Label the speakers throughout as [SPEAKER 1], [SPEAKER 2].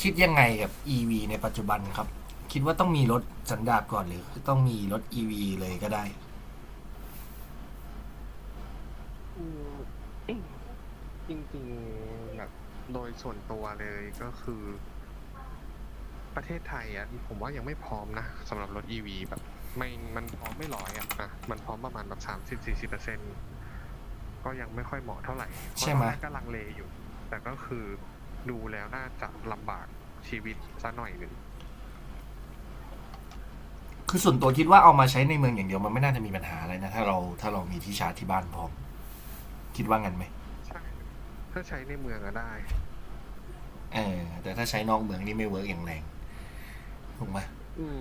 [SPEAKER 1] คิดยังไงกับ EV ในปัจจุบันครับคิดว่าต้องมีรถสันดาปก่อนหรือต้องมีรถ EV เลยก็ได้
[SPEAKER 2] อืม จริงๆแบบโดยส่วนตัวเลยก็คือประเทศไทยอ่ะผมว่ายังไม่พร้อมนะสำหรับรถอีวีแบบไม่มันพร้อมไม่ร้อยอ่ะอ่ะมันพร้อมประมาณแบบ30-40%ก็ยังไม่ค่อยเหมาะเท่าไหร่เพราะ
[SPEAKER 1] ใช่
[SPEAKER 2] ตอ
[SPEAKER 1] ไหม
[SPEAKER 2] นแรกก็ลังเลอยู่แต่ก็คือดูแล้วน่าจะลำบากชีวิตซะหน่อยหนึ่ง
[SPEAKER 1] คือส่วนตัวคิดว่าเอามาใช้ในเมืองอย่างเดียวมันไม่น่าจะมีปัญหาอะไรนะถ้าเรามีที่ชาร์จที่บ้านพร้อมคิดว่างั้นไหม
[SPEAKER 2] ใช่ถ้าใช้ในเมืองอะได้
[SPEAKER 1] เออแต่ถ้าใช้นอกเมืองนี่ไม่เวิร์กอย่างแรงถูกไหม
[SPEAKER 2] อืม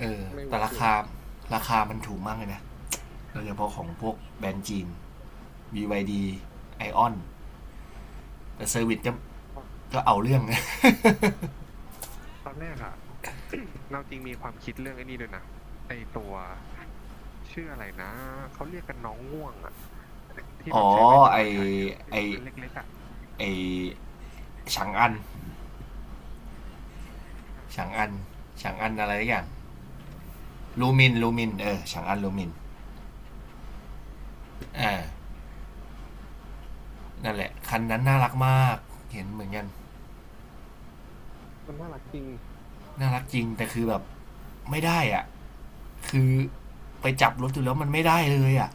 [SPEAKER 1] เออ
[SPEAKER 2] ไม่
[SPEAKER 1] แต่
[SPEAKER 2] เวิร์ก
[SPEAKER 1] รา
[SPEAKER 2] เลย
[SPEAKER 1] คาราคามันถูกมากเลยนะโดยเฉพาะของพวกแบรนด์จีน b ไอออนแต่เซอร์วิสก็เอาเรื่องนะ
[SPEAKER 2] ตอนแรกอะ เราจริงมีความคิดเรื่องไอ้นี่ด้วยนะไอ้ตัวชื่ออะไรนะเขาเรียกกันน้องง่วงอะที่แบ
[SPEAKER 1] อ๋อ
[SPEAKER 2] บเซเว่นเอา
[SPEAKER 1] ไอ
[SPEAKER 2] มาใช้อะที่
[SPEAKER 1] ไอ
[SPEAKER 2] แบบคันเล็กๆอะ
[SPEAKER 1] ไอฉางอัน
[SPEAKER 2] อ่าอ่า
[SPEAKER 1] ฉางอั
[SPEAKER 2] อ่า
[SPEAKER 1] นอะไรอย่างลูมินฉางอันลูมินอ่านั่นแหละคันนั้นน่ารักมากเห็นเหมือนกัน
[SPEAKER 2] มันน่ารักจริง
[SPEAKER 1] น่ารักจริงแต่คือแบบไม่ได้อ่ะคือไปจับรถดูแล้วมันไม่ได้เลยอ่ะ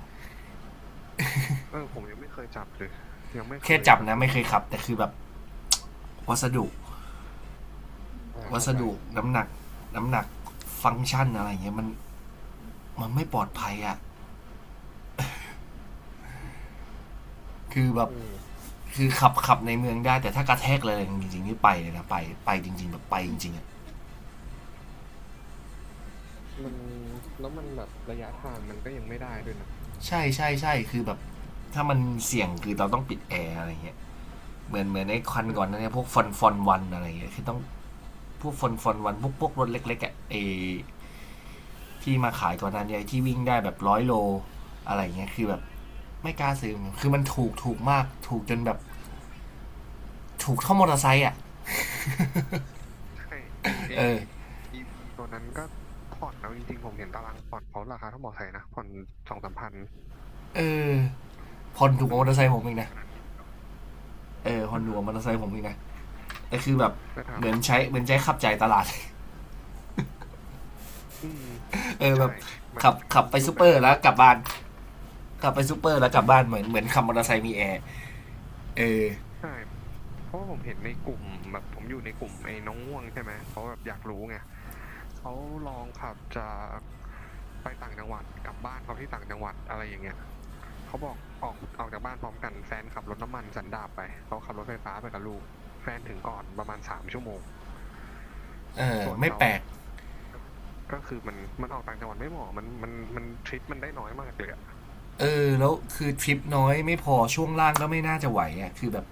[SPEAKER 2] เออผมยังไม่เคยจับเลยยังไม่เค
[SPEAKER 1] แค่
[SPEAKER 2] ย
[SPEAKER 1] จับ
[SPEAKER 2] แบบ
[SPEAKER 1] นะ
[SPEAKER 2] ล
[SPEAKER 1] ไม่
[SPEAKER 2] อ
[SPEAKER 1] เค
[SPEAKER 2] ง
[SPEAKER 1] ยขับแต่คือแบบวัสดุ
[SPEAKER 2] อ่า
[SPEAKER 1] วั
[SPEAKER 2] เข้า
[SPEAKER 1] ส
[SPEAKER 2] ใจ
[SPEAKER 1] ดุน้ำหนักน้ำหนักฟังก์ชันอะไรเงี้ยมันไม่ปลอดภัยอ่ะคือแบบ
[SPEAKER 2] เออ
[SPEAKER 1] คือขับในเมืองได้แต่ถ้ากระแทกอะไรจริงๆนี่ไปเลยนะไปจริงๆแบบไปจริงๆอ่ะ
[SPEAKER 2] มันแล้วมันแบบระยะทางมันก็ยังไม่ได้ด้วยนะ
[SPEAKER 1] ใช่ใช่ใช่คือแบบถ้ามันเสี่ยงคือเราต้องปิดแอร์อะไรเงี้ยเหมือนไอ้ควันก่อนน
[SPEAKER 2] เออ
[SPEAKER 1] นเนี่ยพวกฟอนฟอนวันอะไรเงี้ยคือต้องพวกฟอนฟอนวันพวกรถเล็กๆอ่ะไอ้ที่มาขายก่อนหนั้นเนี่ยที่วิ่งได้แบบร้อยโลอะไรเงี้ยคือแบบไม่กล้าซื้อมคือมันถูกมากถูกจนแบบถูกเท่ามอเตอร์ไซค์อ่ะ
[SPEAKER 2] ใช่ไอ
[SPEAKER 1] เออ
[SPEAKER 2] อีวีตัวนั้นก็ผ่อนเลาจริงๆผมเห็นตารางผ่อนเขาราคาเท่าหมอไทยนะผ่อนสองสามพัน
[SPEAKER 1] เออพอนถูกก
[SPEAKER 2] มั
[SPEAKER 1] ว่า
[SPEAKER 2] น
[SPEAKER 1] มอ
[SPEAKER 2] มัน
[SPEAKER 1] เตอร์ไซ
[SPEAKER 2] ถู
[SPEAKER 1] ค์
[SPEAKER 2] ก
[SPEAKER 1] ผมเอีกนะ
[SPEAKER 2] ขนาดนี้เลยเหรอ
[SPEAKER 1] เออพอ
[SPEAKER 2] เอ
[SPEAKER 1] นถูกกว่ามอเต
[SPEAKER 2] อ
[SPEAKER 1] อร์ไซค์ผมเองนะแต่คือแบบ
[SPEAKER 2] แต่ถา
[SPEAKER 1] เห
[SPEAKER 2] ม
[SPEAKER 1] มือน
[SPEAKER 2] ว่า
[SPEAKER 1] ใช้เหมือนใช้ขับใจตลาด
[SPEAKER 2] อืม
[SPEAKER 1] เออแบบ
[SPEAKER 2] ใช่มัน
[SPEAKER 1] ขั
[SPEAKER 2] จะ
[SPEAKER 1] บ
[SPEAKER 2] เป็น
[SPEAKER 1] ขับไป
[SPEAKER 2] รู
[SPEAKER 1] ซู
[SPEAKER 2] ป
[SPEAKER 1] เป
[SPEAKER 2] แบ
[SPEAKER 1] อ
[SPEAKER 2] บ
[SPEAKER 1] ร์
[SPEAKER 2] นั้น
[SPEAKER 1] แล้วกลับบ้าน กลับไปซูเปอร์แล้วกลับบ้านเหมือนขับมอเตอร์ไซค์มีแอร์เออ
[SPEAKER 2] ใช่เพราะว่าผมเห็นในกลุ่มแบบผมอยู่ในกลุ่มไอ้น้องง่วงใช่ไหมเพราะแบบอยากรู้ไงเขาลองขับจากไปต่างจังหวัดกลับบ้านเขาที่ต่างจังหวัดอะไรอย่างเงี้ยเขาบอกออกจากบ้านพร้อมกันแฟนขับรถน้ำมันสันดาปไปเขาขับรถไฟฟ้าไปกับลูกแฟนถึงก่อนประมาณ3 ชั่วโมง
[SPEAKER 1] เออ
[SPEAKER 2] ส่วน
[SPEAKER 1] ไม่
[SPEAKER 2] เขา
[SPEAKER 1] แปลก
[SPEAKER 2] ก็คือมันออกต่างจังหวัดไม่เหมาะมันทริปมันได้น้อยมากเลยอะ
[SPEAKER 1] เออแล้วคือทริปน้อยไม่พอช่วงล่างก็ไม่น่าจะไหวอ่ะคือแบบ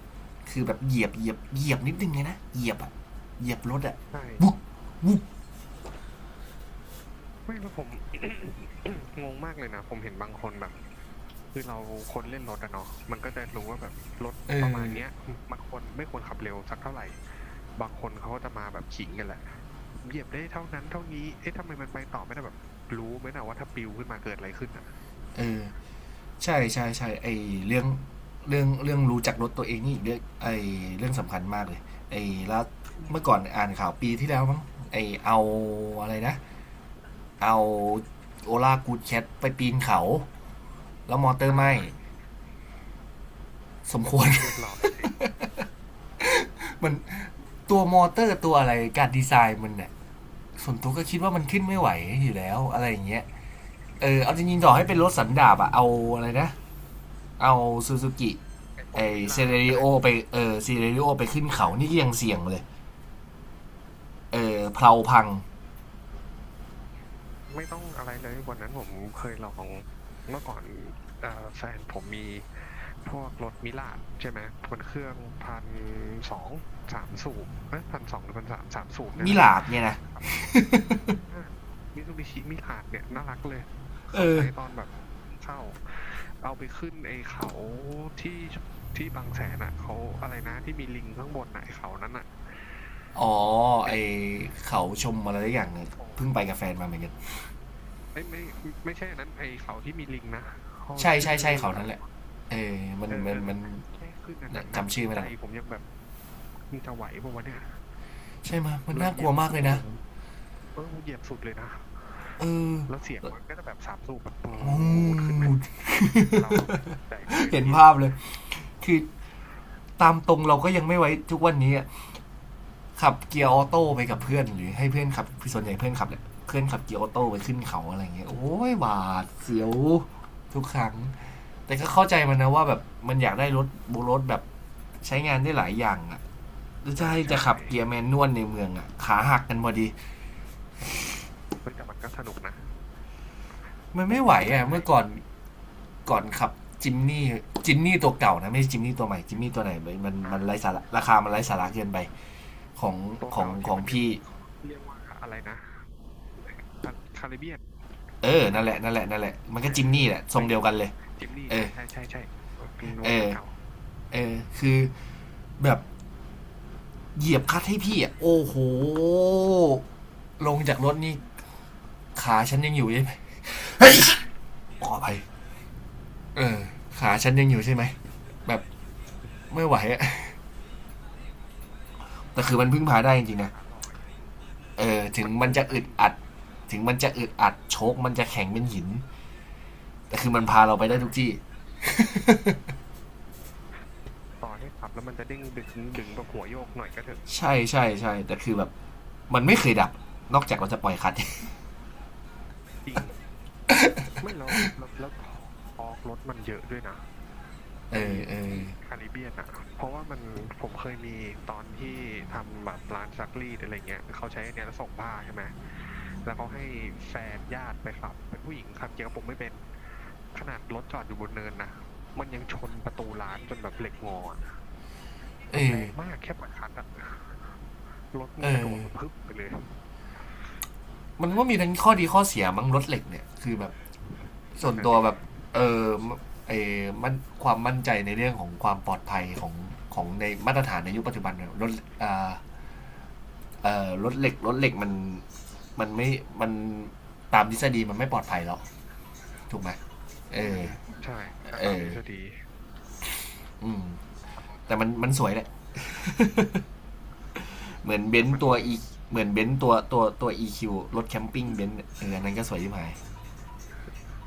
[SPEAKER 1] คือแบบเหยียบเหยียบเหยียบนิดนึงเลยนะเหยียบอ่ะเหยียบรถอ่ะบุ๊บ
[SPEAKER 2] ใช่
[SPEAKER 1] บุ๊บ
[SPEAKER 2] ไม่แล้วผม งงมากเลยนะผมเห็นบางคนแบบคือเราคนเล่นรถอะเนาะมันก็จะรู้ว่าแบบรถ
[SPEAKER 1] เอ
[SPEAKER 2] ประมาณ
[SPEAKER 1] อ
[SPEAKER 2] เนี้ยมันควรไม่ควรขับเร็วสักเท่าไหร่บางคนเขาก็จะมาแบบขิงกันแหละเหยียบได้เท่านั้นเท่านี้เอ๊ะทำไมมันไปต่อไม่ได้แบบรู้ไหมนะว่าถ้าปิวขึ้นมาเกิดอะไรขึ้นอะ
[SPEAKER 1] เออใช่ใช่ใช่ไอเรื่องเรื่องรู้จักรถตัวเองนี่อเรื่องไอเรื่องสำคัญมากเลยไอแล้ว
[SPEAKER 2] อื
[SPEAKER 1] เมื่อ
[SPEAKER 2] ม
[SPEAKER 1] ก่อนอ่านข่าวปีที่แล้วมั้งไอเอาอะไรนะเอาโอลากูดแคทไปปีนเขา แล้วมอเตอ
[SPEAKER 2] อ่
[SPEAKER 1] ร์ไม่
[SPEAKER 2] า
[SPEAKER 1] สมควร
[SPEAKER 2] เรียบร้อยสิ
[SPEAKER 1] มันตัวมอเตอร์ตัวอะไรการดีไซน์มันเนี่ยส่วนตัวก็คิดว่ามันขึ้นไม่ไหวอยู่แล้วอะไรอย่างเงี้ยเออเอาจริงๆต่อให้เป็นรถสันดาบอะเอาอะไรนะเอาซูซูกิ
[SPEAKER 2] ไอ้พ
[SPEAKER 1] ไอ
[SPEAKER 2] วกมิ
[SPEAKER 1] เซ
[SPEAKER 2] ลา
[SPEAKER 1] เร
[SPEAKER 2] ดก็
[SPEAKER 1] ริโอ
[SPEAKER 2] ได้
[SPEAKER 1] ไปเออเซเรริโอไปขึ้นเขานี่ก็ยังเสี่ยงเลยเออเพลาพัง
[SPEAKER 2] ไม่ต้องอะไรเลยวันนั้นผมเคยลองเมื่อก่อนแฟนผมมีพวกรถมิลาดใช่ไหมเป็นเครื่องพันสองสามสูบเอ้ยพันสองหรือพันสามสามสูบเนี่ย
[SPEAKER 1] มิ
[SPEAKER 2] แหละ
[SPEAKER 1] ลาดเนี่ยนะ
[SPEAKER 2] อ่ามิซูบิชิมิลาดเนี่ยน่ารักเลย
[SPEAKER 1] เอ
[SPEAKER 2] เขา
[SPEAKER 1] อ
[SPEAKER 2] ใช้ตอนแบบเพิ่งเข้าเอาไปขึ้นไอ้เขาที่ที่บางแสนอ่ะเขาอะไรนะที่มีลิงข้างบนอ่ะไอ้เขานั้นอ่ะ
[SPEAKER 1] อ๋อ
[SPEAKER 2] ไอ
[SPEAKER 1] ไอ
[SPEAKER 2] ้
[SPEAKER 1] เขาชมอะไรอย่างเนี่ย
[SPEAKER 2] โอ้
[SPEAKER 1] เพิ่งไปกับแฟนมาเหมือนกัน
[SPEAKER 2] ไอ้ยไม่ไม่ใช่อันนั้นไอ้เขาที่มีลิงนะเขา
[SPEAKER 1] ใช่ใช่
[SPEAKER 2] ชื่อ
[SPEAKER 1] ใช่เขา
[SPEAKER 2] อะ
[SPEAKER 1] นั่น
[SPEAKER 2] ไร
[SPEAKER 1] แหละเออมัน
[SPEAKER 2] เออ
[SPEAKER 1] มั
[SPEAKER 2] เอ
[SPEAKER 1] น
[SPEAKER 2] อ
[SPEAKER 1] มัน
[SPEAKER 2] แค่ขึ้นอันนั้นน่ะ
[SPEAKER 1] จำชื่อไม่
[SPEAKER 2] ใจ
[SPEAKER 1] ได้ละ
[SPEAKER 2] ผมยังแบบมึงจะไหวปะววะเนี่ย
[SPEAKER 1] ใช่ไหมมัน
[SPEAKER 2] เรา
[SPEAKER 1] น่า
[SPEAKER 2] เห
[SPEAKER 1] ก
[SPEAKER 2] ยี
[SPEAKER 1] ลั
[SPEAKER 2] ย
[SPEAKER 1] ว
[SPEAKER 2] บแบ
[SPEAKER 1] มา
[SPEAKER 2] บ
[SPEAKER 1] กเล
[SPEAKER 2] โอ้
[SPEAKER 1] ย
[SPEAKER 2] โห
[SPEAKER 1] นะ
[SPEAKER 2] เออเหยียบสุดเลยนะ
[SPEAKER 1] เออ
[SPEAKER 2] แล้วเสียงมันก็จะแบบสามสูบแบบปูดขึ้นมาเราก็ใจไม่ค่อย
[SPEAKER 1] เห็
[SPEAKER 2] ดี
[SPEAKER 1] น
[SPEAKER 2] เล
[SPEAKER 1] ภา
[SPEAKER 2] ย
[SPEAKER 1] พเลยคือตามตรงเราก็ยังไม่ไว้ทุกวันนี้อะขับเกียร์ออโต้ไปกับเพื่อนหรือให้เพื่อนขับส่วนใหญ่เพื่อนขับแหละเพื่อนขับเกียร์ออโต้ไปขึ้นเขาอะไรเงี้ยโอ้ยหวาดเสีย
[SPEAKER 2] อ่า
[SPEAKER 1] วทุกครั้ง แต่ก็เข้าใจมันนะว่าแบบมันอยากได้รถโบรถแบบใช้งานได้หลายอย่างอ่ะแล้ว
[SPEAKER 2] อ่า
[SPEAKER 1] จะให้
[SPEAKER 2] ใช่
[SPEAKER 1] จะขับเกียร์แมนนวลในเมืองอ่ะขาหักกันพอดี
[SPEAKER 2] เฮ้ยแต่มันก็สนุกนะ
[SPEAKER 1] มัน
[SPEAKER 2] ผม
[SPEAKER 1] ไม่
[SPEAKER 2] ป
[SPEAKER 1] ไหว
[SPEAKER 2] ล่อยไหล
[SPEAKER 1] อ่ะเมื่อก่อน ก่อนขับจิมนี่จิมนี่ตัวเก่านะไม่ใช่จิมนี่ตัวใหม่จิมนี่ตัวไหนมัน
[SPEAKER 2] ๆอ่า
[SPEAKER 1] มันัไร้สาระราคามั
[SPEAKER 2] ไอ
[SPEAKER 1] นไร้สาระเกินไปของ
[SPEAKER 2] ตัว
[SPEAKER 1] ของ
[SPEAKER 2] เก่า
[SPEAKER 1] ข
[SPEAKER 2] ที่
[SPEAKER 1] อง
[SPEAKER 2] มันยัง
[SPEAKER 1] พี่
[SPEAKER 2] เรียกว่าอะไรนะคาริเบียน
[SPEAKER 1] เออ
[SPEAKER 2] ใช่ไหม
[SPEAKER 1] นั่นแหละนั่นแหละนั่นแหละมันก็
[SPEAKER 2] เอ
[SPEAKER 1] จิมนี่
[SPEAKER 2] อ
[SPEAKER 1] แหละทรง
[SPEAKER 2] เฮ้ย
[SPEAKER 1] เดียวกันเลย
[SPEAKER 2] จิมนี่
[SPEAKER 1] เอ
[SPEAKER 2] ใช่
[SPEAKER 1] อ
[SPEAKER 2] ใช่ใช่ใช่เป็นเว
[SPEAKER 1] เอ
[SPEAKER 2] อร์ชั
[SPEAKER 1] อ
[SPEAKER 2] นเก่า
[SPEAKER 1] เออคือแบบเหยียบคัดให้พี่อ่ะโอ้โหลงจากรถนี่ขาฉันยังอยู่ใช่ไหมขออภัยเออขาฉันยังอยู่ใช่ไหมแบบไม่ไหวอะแต่คือมันพึ่งพาได้จ
[SPEAKER 2] ขา
[SPEAKER 1] ริงๆนะ
[SPEAKER 2] ขาลอย
[SPEAKER 1] เออ
[SPEAKER 2] มันโอ้มันได้จริง
[SPEAKER 1] ถึงมันจะอึดอัดโชคมันจะแข็งเป็นหิน แต่คือมันพาเราไป
[SPEAKER 2] ๆ
[SPEAKER 1] ได้
[SPEAKER 2] อ่า
[SPEAKER 1] ทุกที่
[SPEAKER 2] ต่อให้ขับแล้วมันจะเด้งดึงแบบหัวโยกหน่อยก็เถอะ
[SPEAKER 1] ใช่ใช่ใช่แต่คือแบบมันไม่เคยดับ นอกจากเราจะปล่อยคัด
[SPEAKER 2] จริง ไม่แล้วแล้วทอกทอกรถมันเยอะด้วยนะ
[SPEAKER 1] เอ
[SPEAKER 2] ไอ
[SPEAKER 1] อเออ
[SPEAKER 2] คาริเบียนอ่ะเพราะว่ามันผมเคยมีตอนที่ทำแบบร้านซักรีดอะไรเงี้ยเขาใช้อันเนี้ยแล้วส่งผ้าใช่ไหมแล้วเขาให้แฟนญาติไปขับเป็นผู้หญิงขับเกียร์กระปุกไม่เป็นขนาดรถจอดอยู่บนเนินนะมันยังชนประตูร้านจนแบบเหล็กงออะแบ
[SPEAKER 1] เอ
[SPEAKER 2] บแร
[SPEAKER 1] อ
[SPEAKER 2] งมากแค่ปล่อยคลัดอะรถมั
[SPEAKER 1] เอ
[SPEAKER 2] นกระโด
[SPEAKER 1] อ
[SPEAKER 2] ดมาพึบไปเลย
[SPEAKER 1] มันก็มีทั้งข้อดีข้อเสียมั้งรถเหล็กเนี่ยคือแบบส่
[SPEAKER 2] นั่
[SPEAKER 1] ว
[SPEAKER 2] น
[SPEAKER 1] น
[SPEAKER 2] น่ะ
[SPEAKER 1] ตัว
[SPEAKER 2] สิ
[SPEAKER 1] แบบเออเอมันความมั่นใจในเรื่องของความปลอดภัยของของในมาตรฐานในยุคปัจจุบันเนี่ยรถอ่ารถเหล็กมันมันไม่มันตามทฤษฎีมันไม่ปลอดภัยแล้ว ถูกไหมเอ
[SPEAKER 2] อื
[SPEAKER 1] อ
[SPEAKER 2] มใช่ถ้า
[SPEAKER 1] เอ
[SPEAKER 2] ตาม
[SPEAKER 1] อ
[SPEAKER 2] ทฤษฎี
[SPEAKER 1] อืม แต่มันสวยแหละเหมือนเบ
[SPEAKER 2] แต่
[SPEAKER 1] นซ์
[SPEAKER 2] มัน
[SPEAKER 1] ตัวอีเหมือนเบนซ์ตัว EQ รถแคมปิ้งเบนซ์เน่อออันนั้นก็สวยที่หมาย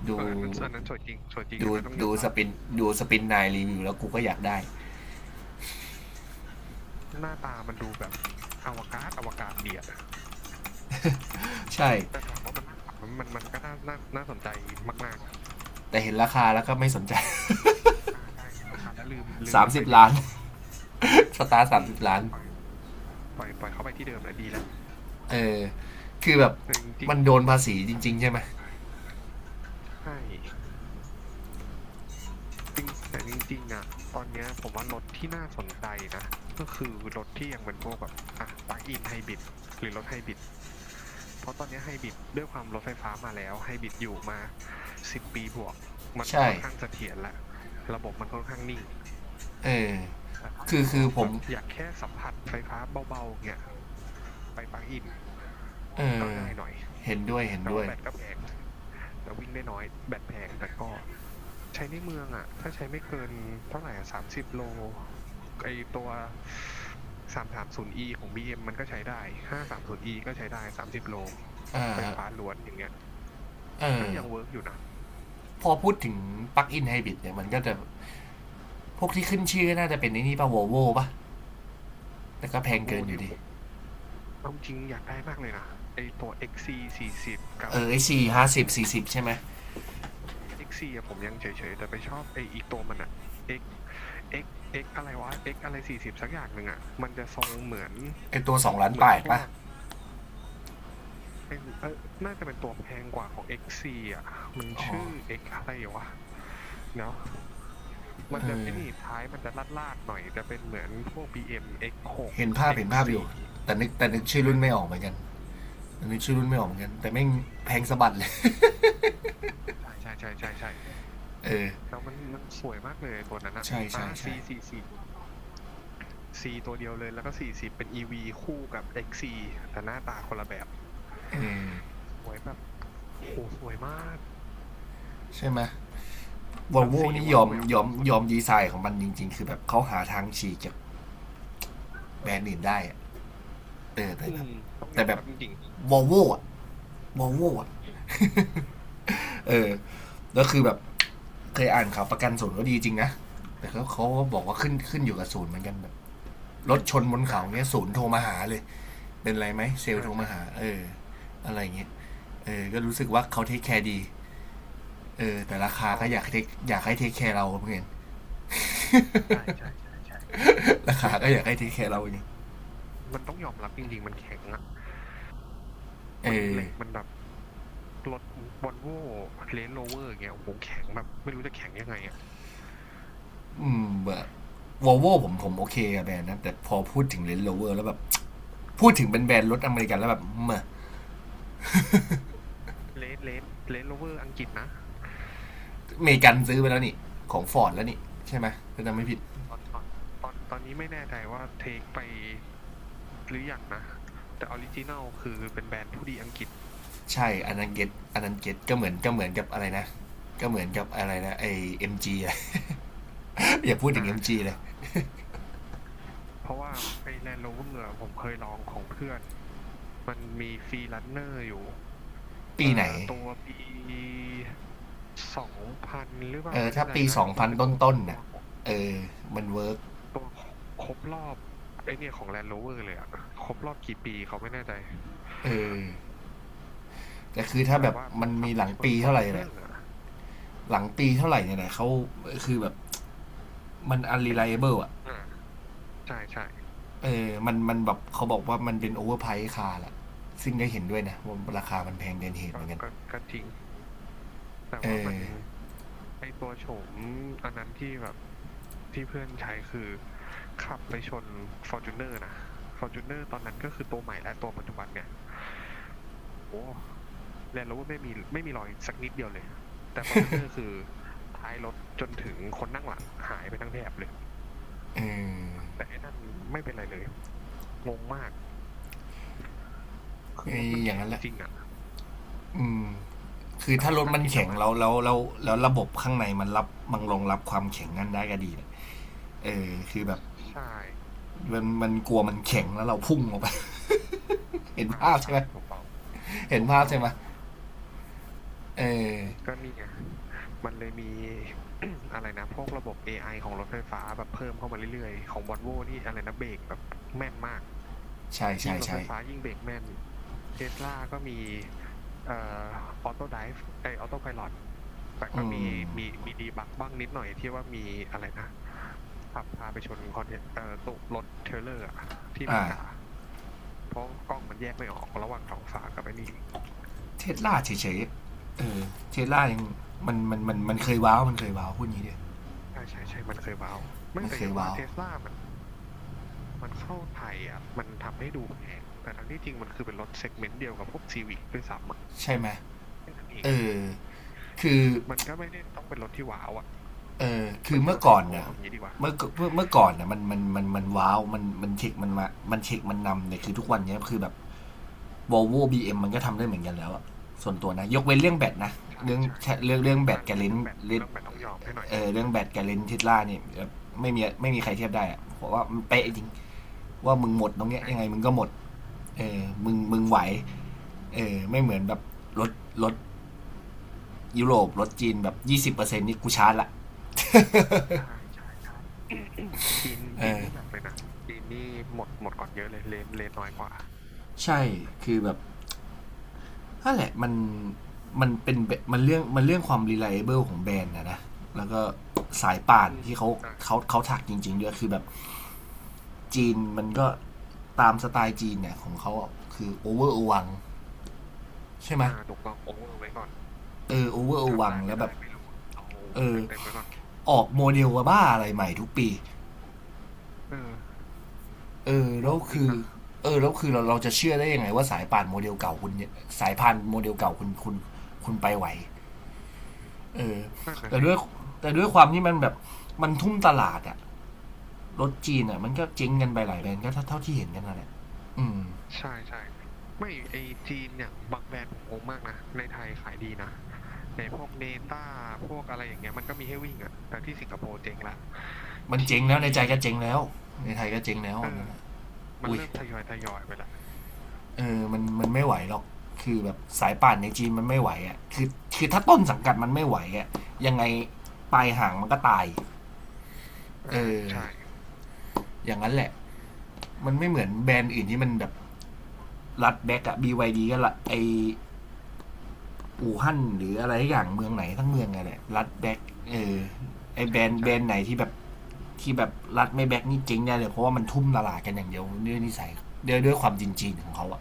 [SPEAKER 1] ดู
[SPEAKER 2] เอออันนั้นอันนั้นสวยจริงสวยจริง
[SPEAKER 1] ดู
[SPEAKER 2] อันนั้นต้องยอ
[SPEAKER 1] ดู
[SPEAKER 2] มรั
[SPEAKER 1] ส
[SPEAKER 2] บ
[SPEAKER 1] ปินดูสปินนายรีวิวแล้วกูก็อยากได้
[SPEAKER 2] หน้าตามันดูแบบอวกาศอวกาศเดียด
[SPEAKER 1] ใช่
[SPEAKER 2] แต่ถามว่ามันน่าขับมันก็น่าน่าน่าสนใจมาก
[SPEAKER 1] แต่เห็นราคาแล้วก็ไม่สนใจ
[SPEAKER 2] ๆอ่าใช่เห็นราคาแล้วลืมลืมมันไป
[SPEAKER 1] 30
[SPEAKER 2] ดีก
[SPEAKER 1] ล้าน
[SPEAKER 2] ว่าเนาะ
[SPEAKER 1] สตาร์สาม
[SPEAKER 2] อื
[SPEAKER 1] สิ
[SPEAKER 2] ม
[SPEAKER 1] บล้าน
[SPEAKER 2] ปล่อยปล่อยเขาไปที่เดิมแหละดีแล้ว
[SPEAKER 1] เออ คือแบบ
[SPEAKER 2] แต่จริง
[SPEAKER 1] มันโดนภาษีจริงๆใช่ไหม
[SPEAKER 2] ๆใช่ จริงแต่จริงๆอ่ะตอนเนี้ยผมว่ารถที่น่าสนใจนะก็คือรถที่ยังเป็นพวกแบบอ่ะปลั๊กอินไฮบริดหรือรถไฮบริดเพราะตอนเนี้ไฮบริดด้วยความรถไฟฟ้ามาแล้วไฮบริดอยู่มา10 ปีบวกมัน
[SPEAKER 1] ใช่
[SPEAKER 2] ค่อนข้างเสถียรและระบบมันค่อนข้างนิ่ง
[SPEAKER 1] เออ
[SPEAKER 2] แต่ถ้า
[SPEAKER 1] คือ
[SPEAKER 2] ยัง
[SPEAKER 1] คื
[SPEAKER 2] ล
[SPEAKER 1] อ
[SPEAKER 2] อง
[SPEAKER 1] ผ
[SPEAKER 2] แบ
[SPEAKER 1] ม
[SPEAKER 2] บอยากแค่สัมผัสไฟฟ้าเบาๆเงี้ยไปปลั๊กอิน
[SPEAKER 1] เอ
[SPEAKER 2] ก็
[SPEAKER 1] อ
[SPEAKER 2] ง่ายหน่อย
[SPEAKER 1] เห็นด้วยเห็น
[SPEAKER 2] แต่
[SPEAKER 1] ด้ว
[SPEAKER 2] ว่า
[SPEAKER 1] ย
[SPEAKER 2] แบตก็แพง แต่วิ่งได้น้อยแบตแพงแต่ก็ใช้ในเมืองอ่ะถ้าใช้ไม่เกินเท่าไหร่สามสิบโลไอตัว330 e ของบีเอ็มมันก็ใช้ได้530 e ก็ใช้ได้30 โลไฟฟ้าล้วนอย่างเงี้ย
[SPEAKER 1] เอ
[SPEAKER 2] ก็
[SPEAKER 1] อ
[SPEAKER 2] ยังเวิร์กอยู่นะ
[SPEAKER 1] พอพูดถึงปลั๊กอินไฮบริดเนี่ยมันก็จะพวกที่ขึ้นชื่อน่าจะเป็นในนี่ป่ะ v o l v o ป่ะแต่ก็แพ
[SPEAKER 2] วอ
[SPEAKER 1] ง
[SPEAKER 2] นโว
[SPEAKER 1] เกินอ
[SPEAKER 2] นี่
[SPEAKER 1] ยู่
[SPEAKER 2] โอ้
[SPEAKER 1] ดี
[SPEAKER 2] โหเอาจริงอยากได้มากเลยนะไอตัว XC สี่สิบกั
[SPEAKER 1] เอ
[SPEAKER 2] บ
[SPEAKER 1] อไอซีห้าสิบสี่สิบใช่ไหม
[SPEAKER 2] X สี่ะผมยังเฉยๆแต่ไปชอบไออีกตัวมันอะ X X X อะไรวะ X อะไร40สักอย่างหนึ่งอะมันจะทรงเหมือน
[SPEAKER 1] ไอตัวสองล้าน
[SPEAKER 2] เหมื
[SPEAKER 1] แป
[SPEAKER 2] อน
[SPEAKER 1] ด
[SPEAKER 2] พว
[SPEAKER 1] ป่ะ
[SPEAKER 2] กเอ้ยเอยน่าจะเป็นตัวแพงกว่าของ X สี่อะมันชื่อ X อะไรวะเนาะมันจะไอนี่ท้ายมันจะลาดลาดหน่อยจะเป็นเหมือนพวก BM X หก
[SPEAKER 1] เห็นภาพ
[SPEAKER 2] X
[SPEAKER 1] เห็นภาพอยู่
[SPEAKER 2] สี่
[SPEAKER 1] แต่นึกชื่อ
[SPEAKER 2] เอ
[SPEAKER 1] รุ่นไม่ออกเหมื
[SPEAKER 2] อ
[SPEAKER 1] อนกัน แต่นึกชื่อรุ่นไม่ออกเหมือนกันแต่แม่งแพงสะบัดเลย
[SPEAKER 2] ใช่ใช่ใช่ใช่ใช่
[SPEAKER 1] เออ
[SPEAKER 2] แล้วมันสวยมากเลยตัวนั้นอะ
[SPEAKER 1] ใช่
[SPEAKER 2] อ่า
[SPEAKER 1] ใช่
[SPEAKER 2] C
[SPEAKER 1] ใช่
[SPEAKER 2] สี่สิบ C ตัวเดียวเลยแล้วก็40เป็น EV คู่กับ XC แต่หน้าตาคนละแบบ
[SPEAKER 1] เออ
[SPEAKER 2] สวยแบบโหสวยมาก
[SPEAKER 1] ใช่ไหม v o l
[SPEAKER 2] แล้ว
[SPEAKER 1] v o
[SPEAKER 2] สี
[SPEAKER 1] นี่
[SPEAKER 2] ห
[SPEAKER 1] ย
[SPEAKER 2] วาน
[SPEAKER 1] อม
[SPEAKER 2] แหวว
[SPEAKER 1] ยอม
[SPEAKER 2] สุด
[SPEAKER 1] ยอมดีไซน์ของมันจริงๆคือแบบเขาหาทางฉีกจากแบรนด์อื่นได้เออ
[SPEAKER 2] ๆ
[SPEAKER 1] แต่
[SPEAKER 2] อื
[SPEAKER 1] แบบ
[SPEAKER 2] มต้องย
[SPEAKER 1] แต่
[SPEAKER 2] อม
[SPEAKER 1] แบบ
[SPEAKER 2] รับจริง
[SPEAKER 1] Volvo อะ Volvo อะเออแล้วคือแบบ เคยอ่านข่าวประกันศูนย์ก็ดีจริงนะ แต่เขาเขาบอกว่าขึ้นขึ้นอยู่กับศูนย์เหมือนกันแบบร
[SPEAKER 2] ๆอ
[SPEAKER 1] ถชนบน
[SPEAKER 2] ่า
[SPEAKER 1] เขา
[SPEAKER 2] ก็
[SPEAKER 1] เงี้ยศูนย์โทรมาหาเลยเป็นไรไหมเซล
[SPEAKER 2] อ่า
[SPEAKER 1] โทรมา
[SPEAKER 2] ใช่
[SPEAKER 1] หาเอออะไรเงี้ยเออก็รู้สึกว่าเขาเทคแคร์ดีเออแต่ราคา
[SPEAKER 2] ก็
[SPEAKER 1] ก็อยากเทคอยากให้เทคแคร์เราเหมือนกัน
[SPEAKER 2] ใช่ใช่ใช่ใช่
[SPEAKER 1] ราคา
[SPEAKER 2] ไม่
[SPEAKER 1] ก็
[SPEAKER 2] แต่
[SPEAKER 1] อยาก
[SPEAKER 2] ว่า
[SPEAKER 1] ให้เท
[SPEAKER 2] พว
[SPEAKER 1] ค
[SPEAKER 2] ก
[SPEAKER 1] แค
[SPEAKER 2] นี้
[SPEAKER 1] ร์เรา
[SPEAKER 2] มัน
[SPEAKER 1] อย่างเงี้ย
[SPEAKER 2] มันต้องยอมรับจริงๆมันแข็งอ่ะ
[SPEAKER 1] เอ
[SPEAKER 2] มัน
[SPEAKER 1] อ
[SPEAKER 2] เหล็กมันแบบรถวอลโว่เลนโรเวอร์เงี้ยโอ้โหแข็งแบบไม่รู้จะแข็งยังไงอ่ะ
[SPEAKER 1] แบบวอลโวผมโอเคกับแบรนด์นะแต่พอพูดถึงเลนโรเวอร์แล้วแบบพูดถึงเป็นแบรนด์รถอเมริกันแล้วแบบเม
[SPEAKER 2] เลนเลนเลนโรเวอร์อังกฤษนะ
[SPEAKER 1] อเมริกันซื้อไปแล้วนี่ของฟอร์ดแล้วนี่ใช่ไหมถ้าจำไม่ผิด
[SPEAKER 2] ตอนตอนตอนนี้ไม่แน่ใจว่าเทคไปหรือยังนะ แต่ออริจินัลคือเป็นแบรนด์ผู้ดีอังกฤษ
[SPEAKER 1] ใช่ อันนั้นเก็ตอันนั้นเก็ตก็เหมือนก็เหมือนกับอะไรนะ ก็เหมือนกับอะไรนะ ไอเอ็มจีอะ อย่าพูดถึง
[SPEAKER 2] อ่า
[SPEAKER 1] เอ็มจี
[SPEAKER 2] ใช่
[SPEAKER 1] เลย
[SPEAKER 2] เพราะว่าไอ้ Land Rover อะผมเคยลองของเพื่อน มันมีฟรีลันเนอร์อยู่
[SPEAKER 1] ปีไหน
[SPEAKER 2] ตัวปี2000หรือเป
[SPEAKER 1] เอ
[SPEAKER 2] ล่า
[SPEAKER 1] อ
[SPEAKER 2] ไม่
[SPEAKER 1] ถ้า
[SPEAKER 2] แน่ใจ
[SPEAKER 1] ปี
[SPEAKER 2] นะ
[SPEAKER 1] สอง
[SPEAKER 2] มั
[SPEAKER 1] พั
[SPEAKER 2] น
[SPEAKER 1] น
[SPEAKER 2] เป็น
[SPEAKER 1] ต้
[SPEAKER 2] ตัว
[SPEAKER 1] นๆ
[SPEAKER 2] ตัว
[SPEAKER 1] น่ะเออมันเวิร์ก
[SPEAKER 2] ตัวครบรอบไอเนี่ยของ Land Rover เลยอะครบรอบกี่ปีเขาไม่แน่ใจ
[SPEAKER 1] เออแต่คือ
[SPEAKER 2] คือ
[SPEAKER 1] ถ้า
[SPEAKER 2] แบ
[SPEAKER 1] แบ
[SPEAKER 2] บ
[SPEAKER 1] บ
[SPEAKER 2] ว่า
[SPEAKER 1] มั
[SPEAKER 2] มั
[SPEAKER 1] น
[SPEAKER 2] นขั
[SPEAKER 1] มี
[SPEAKER 2] บ
[SPEAKER 1] ห
[SPEAKER 2] ไป
[SPEAKER 1] ลัง
[SPEAKER 2] ชน
[SPEAKER 1] ปีเท่าไหร่เนี่ย
[SPEAKER 2] Fortuner อะ
[SPEAKER 1] หลังปีเท่าไหร่เนี่ยนะเขาคือแบบมัน unreliable อ่ะ
[SPEAKER 2] อ่า ใช่ใช่
[SPEAKER 1] มันมันแบบเขาบอกว่ามันเป็น overprice คาร์ละ ซึ่งได้เห็นด้วยนะว่าราคามันแพงเกินเหตุเห
[SPEAKER 2] ก็
[SPEAKER 1] มือนกัน
[SPEAKER 2] ก็ก็จริงแต่
[SPEAKER 1] เอ
[SPEAKER 2] ว่ามัน
[SPEAKER 1] อ
[SPEAKER 2] ไอตัวโฉมอันนั้นที่แบบที่เพื่อนใช้คือขับไปชนฟอร์จูเนอร์นะฟอร์จูเนอร์ตอนนั้นก็คือตัวใหม่และตัวปัจจุบันเนี่ย โอ้แลนด์โรเวอร์ไม่มีไม่มีรอยสักนิดเดียวเลย แต่ฟอร์จูเนอร์คือท้ายรถจนถึงคนนั่งหลังหายไปทั้งแถบเลย
[SPEAKER 1] เออ
[SPEAKER 2] แต่ไอ้นั่นไม่เป็นไรเลย งงมาก คื
[SPEAKER 1] อ
[SPEAKER 2] อรถมัน
[SPEAKER 1] อย่าง
[SPEAKER 2] แข็ง
[SPEAKER 1] นั้นแหละ
[SPEAKER 2] จริงอะ
[SPEAKER 1] อืม คือ
[SPEAKER 2] แต่
[SPEAKER 1] ถ้า
[SPEAKER 2] ว่า
[SPEAKER 1] รถ
[SPEAKER 2] ก็
[SPEAKER 1] มัน
[SPEAKER 2] กิน
[SPEAKER 1] แข็ง
[SPEAKER 2] น้ำมัน
[SPEAKER 1] แล้วแล้วระบบข้างในมันรับมันรองรับความแข็งนั้นได้ก็ดีนเออคือแบบ
[SPEAKER 2] ใช่
[SPEAKER 1] มันกลัวมันแข็งแล้วเราพุ่งออกไป เห็น
[SPEAKER 2] อ่า
[SPEAKER 1] ภาพใช่
[SPEAKER 2] ใช่
[SPEAKER 1] ไหม
[SPEAKER 2] ถูกต้อง
[SPEAKER 1] เห็น
[SPEAKER 2] ถูก
[SPEAKER 1] ภาพ
[SPEAKER 2] ต้อง
[SPEAKER 1] ใช่ไหมเออ
[SPEAKER 2] ก็นี่ไงมันเลยมี อะไรนะพวกระบบ AI ของรถไฟฟ้าแบบเพิ่มเข้ามาเรื่อยๆ ของวอลโวนี่อะไรนะเบรกแบบแม่นมาก
[SPEAKER 1] ใช่ใช่
[SPEAKER 2] ยิ่งรถ
[SPEAKER 1] ใช่
[SPEAKER 2] ไฟฟ้ายิ่งเบรกแม่นเทสลาก็มีเอ่อออโต้ไดฟ์ไอออโต้ไพลอตแต่ก็
[SPEAKER 1] อื
[SPEAKER 2] มี
[SPEAKER 1] ม
[SPEAKER 2] มีมีดีบักบ้างนิดหน่อยที่ว่ามีอะไรนะขับพาไปชนคอนเทตุรถเทรลเลอร์อะที่อเม
[SPEAKER 1] อ่า
[SPEAKER 2] ริกา เพราะกล้องมันแยกไม่ออกระหว่างท้องฟ้ากับไอ้นี่
[SPEAKER 1] เทสลาเฉยๆเทสลายังมันเคยว้าวมันเคยว้าวพูดงี้เดียว
[SPEAKER 2] ใช่ใช่ใช่มันเคยว้าวไม่
[SPEAKER 1] มัน
[SPEAKER 2] แต่
[SPEAKER 1] เค
[SPEAKER 2] อ
[SPEAKER 1] ย
[SPEAKER 2] ย่างว่า
[SPEAKER 1] ว้าว
[SPEAKER 2] เทสลามันพอมันเข้าไทยอ่ะมันทำให้ดูแพงแต่ทั้งที่จริงมันคือเป็นรถเซกเมนต์เดียวกับพวกซีวิกด้วยซ้ำอ่ะ
[SPEAKER 1] ใช่ไหม
[SPEAKER 2] แค่นั้นเอง
[SPEAKER 1] เออคือ
[SPEAKER 2] มันก็ไม่ได้ต้องเป็นรถที่ว้าวอ่ะ
[SPEAKER 1] เออคือ
[SPEAKER 2] ไม่ใช่
[SPEAKER 1] เมื่
[SPEAKER 2] ร
[SPEAKER 1] อ
[SPEAKER 2] ถไฮ
[SPEAKER 1] ก่อน
[SPEAKER 2] โซ
[SPEAKER 1] เนี่ย
[SPEAKER 2] อะเอาอย่างนี้ดีกว่า
[SPEAKER 1] เมื่อกเมื่อก่อนเนี่ยมันว้าวมันมันเทคมันมามันเทคมันนำเนี่ยคือทุกวันเนี้ยคือแบบ Volvo บีเอ็มมันก็ทำได้เหมือนกันแล้ว ส่วนตัวนะ ยกเว้นเรื่องแบตนะ
[SPEAKER 2] ใช่
[SPEAKER 1] เรื่อง
[SPEAKER 2] ใช่
[SPEAKER 1] เรื่องแบ
[SPEAKER 2] อั
[SPEAKER 1] ต
[SPEAKER 2] น
[SPEAKER 1] กับ
[SPEAKER 2] อั
[SPEAKER 1] เล
[SPEAKER 2] น
[SPEAKER 1] น
[SPEAKER 2] เรื่อง
[SPEAKER 1] ส์
[SPEAKER 2] แบต
[SPEAKER 1] เน
[SPEAKER 2] เรื่องแบตต้องยอมให้หน่อย
[SPEAKER 1] เออเรื่องแบตกับเลนส์ทิสลาเนี่ยไม่มีไม่มีใครเทียบได้อะเพราะว่ามันเป๊ะจริงว่ามึงหมดตรงเนี้ยยังไง
[SPEAKER 2] ใช่
[SPEAKER 1] มึงก็หมดเออมึงไหวเออไม่เหมือนแบบรถรถยุโรปรถจีนแบบ20%นี่กูชาร์จละ
[SPEAKER 2] ใช่ใช่ใช่ จีน
[SPEAKER 1] เอ
[SPEAKER 2] จีน
[SPEAKER 1] อ
[SPEAKER 2] นี่หนักเลยนะจีนนี่หมดก่อนเยอะเลยเลนเลนน้อยกว่า
[SPEAKER 1] ใช่ คือแบบนั่นแหละมันมันเป็นมันเรื่องมันเรื่องความ reliable ของแบรนด์นะนะ แล้วก็สายป่าน
[SPEAKER 2] อืม
[SPEAKER 1] ที่เขา
[SPEAKER 2] ใช่
[SPEAKER 1] เขาถักจริงๆด้วยคือแบบ จีนมันก็ตามสไตล์จีนเนี่ยของเขาคือโอเวอร์อวังใช่ไหม
[SPEAKER 2] อ่าถูกต้องโอเวอร์ไว้ก่อน
[SPEAKER 1] เออโอเวอร์อ
[SPEAKER 2] ทำ
[SPEAKER 1] วัง
[SPEAKER 2] ได้ไม่
[SPEAKER 1] แล้วแบ
[SPEAKER 2] ได้
[SPEAKER 1] บ
[SPEAKER 2] ไม่รู้อะเอา
[SPEAKER 1] เออ
[SPEAKER 2] เต็มไว้ก่อน
[SPEAKER 1] ออกโมเดลว่าบ้าอะไรใหม่ทุกปี
[SPEAKER 2] เออ
[SPEAKER 1] เออ
[SPEAKER 2] ง
[SPEAKER 1] แล้ว
[SPEAKER 2] งจริ
[SPEAKER 1] คื
[SPEAKER 2] ง
[SPEAKER 1] อ
[SPEAKER 2] นะ
[SPEAKER 1] เออแล้วคือเราจะเชื่อได้ยังไงว่าสายป่านโมเดลเก่าคุณเนี่ยสายพานโมเดลเก่าคุณคุณไปไหวเออ
[SPEAKER 2] นั่นน่ะ
[SPEAKER 1] แต่
[SPEAKER 2] สิ
[SPEAKER 1] ด้วยแต่ด้วยความที่มันแบบมันทุ่มตลาดอะรถจีนอะมันก็เจ๊งกันไปหลายแบรนด์ก็เท่าที่เห็นกันนั่นแหละอืม
[SPEAKER 2] ใช่ใช่ไม่ไอจีนอย่างบางแบรนด์ผมงงมากนะในไทยขายดีนะในพวกเนต้าพวกอะไรอย่างเงี้ยมันก็มีให้วิ่งอะแต่ที่สิงคโปร์เจ๊งละ
[SPEAKER 1] มันเจ๊ง
[SPEAKER 2] ที่
[SPEAKER 1] แล้วในใจก็เจ๊งแล้วในไทยก็เจ๊งแล้ว
[SPEAKER 2] เอ
[SPEAKER 1] อัน
[SPEAKER 2] อ
[SPEAKER 1] นั้นแหละ
[SPEAKER 2] มัน
[SPEAKER 1] อุ้ย
[SPEAKER 2] เริ่มทยอยไปละ
[SPEAKER 1] เออมันมันไม่ไหวหรอกคือแบบสายป่านในจีนมันไม่ไหวอ่ะคือคือถ้าต้นสังกัดมันไม่ไหวอ่ะยังไงปลายหางมันก็ตายเอ
[SPEAKER 2] อ่า
[SPEAKER 1] อ
[SPEAKER 2] ใช่
[SPEAKER 1] อย่างนั้นแหละ มันไม่เหมือนแบรนด์อื่นที่มันแบบรัดแบ็กอะ BYD ก็ละไออู่ฮั่นหรืออะไรอย่างเมืองไหนทั้งเมืองไงแหละรัดแบ็กเอ
[SPEAKER 2] อ่า
[SPEAKER 1] อไอแบ
[SPEAKER 2] ใช่
[SPEAKER 1] รนด์แบ
[SPEAKER 2] ใช่
[SPEAKER 1] รนด์ไหนที่แบบที่แบบรัดไม่แบ็กนี่เจ๊งได้เลยเพราะว่ามันทุ่มตลาดกันอย่างเดียวด้วยนิสัยด้วยความจริงๆของเขาอะ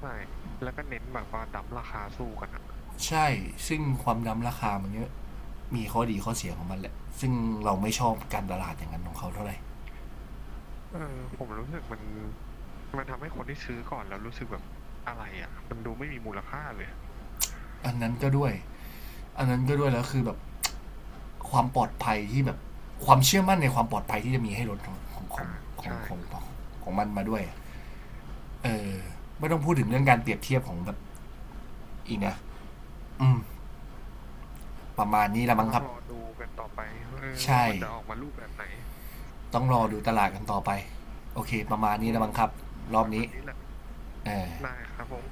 [SPEAKER 2] ใช่แล้วก็เน้นแบบว่าดั้มราคาสู้กันอะ
[SPEAKER 1] ใช่ ซึ่งความดำราคามันเยอะมีข้อดีข้อเสียของมันแหละซึ่งเราไม่ชอบการตลาดอย่างนั้นของเขาเท่าไหร่
[SPEAKER 2] เออผมรู้สึกมันทำให้คนที่ซื้อก่อนแล้วรู้สึกแบบอะไรอะมันดูไม่มีมูลค่าเลย
[SPEAKER 1] อันนั้นก็ด้วยอันนั้นก็ด้วยแล้วคือแบบความปลอดภัยที่แบบความเชื่อมั่นในความปลอดภัยที่จะมีให้รถของของข
[SPEAKER 2] อ่า
[SPEAKER 1] องของ
[SPEAKER 2] ใช่
[SPEAKER 1] ของของของมันมาด้วย เออไม่ต้องพูดถึงเรื่องการเปรียบเทียบของแบบอีกนะอืม ประมาณนี้ละ
[SPEAKER 2] ก็
[SPEAKER 1] มั้ง
[SPEAKER 2] ต้
[SPEAKER 1] ค
[SPEAKER 2] อง
[SPEAKER 1] รับ
[SPEAKER 2] รอดูกันต่อไปเออว่า
[SPEAKER 1] ใช่
[SPEAKER 2] มันจะออกมารูปแบบไหน
[SPEAKER 1] ต้องรอดูตลาดกันต่อไปโอเคประมาณ
[SPEAKER 2] อื
[SPEAKER 1] นี้ละ
[SPEAKER 2] ม
[SPEAKER 1] มั้งครับรอ
[SPEAKER 2] ป
[SPEAKER 1] บ
[SPEAKER 2] ระมา
[SPEAKER 1] นี้
[SPEAKER 2] ณนี้แหละ
[SPEAKER 1] เออ
[SPEAKER 2] ได้ครับผม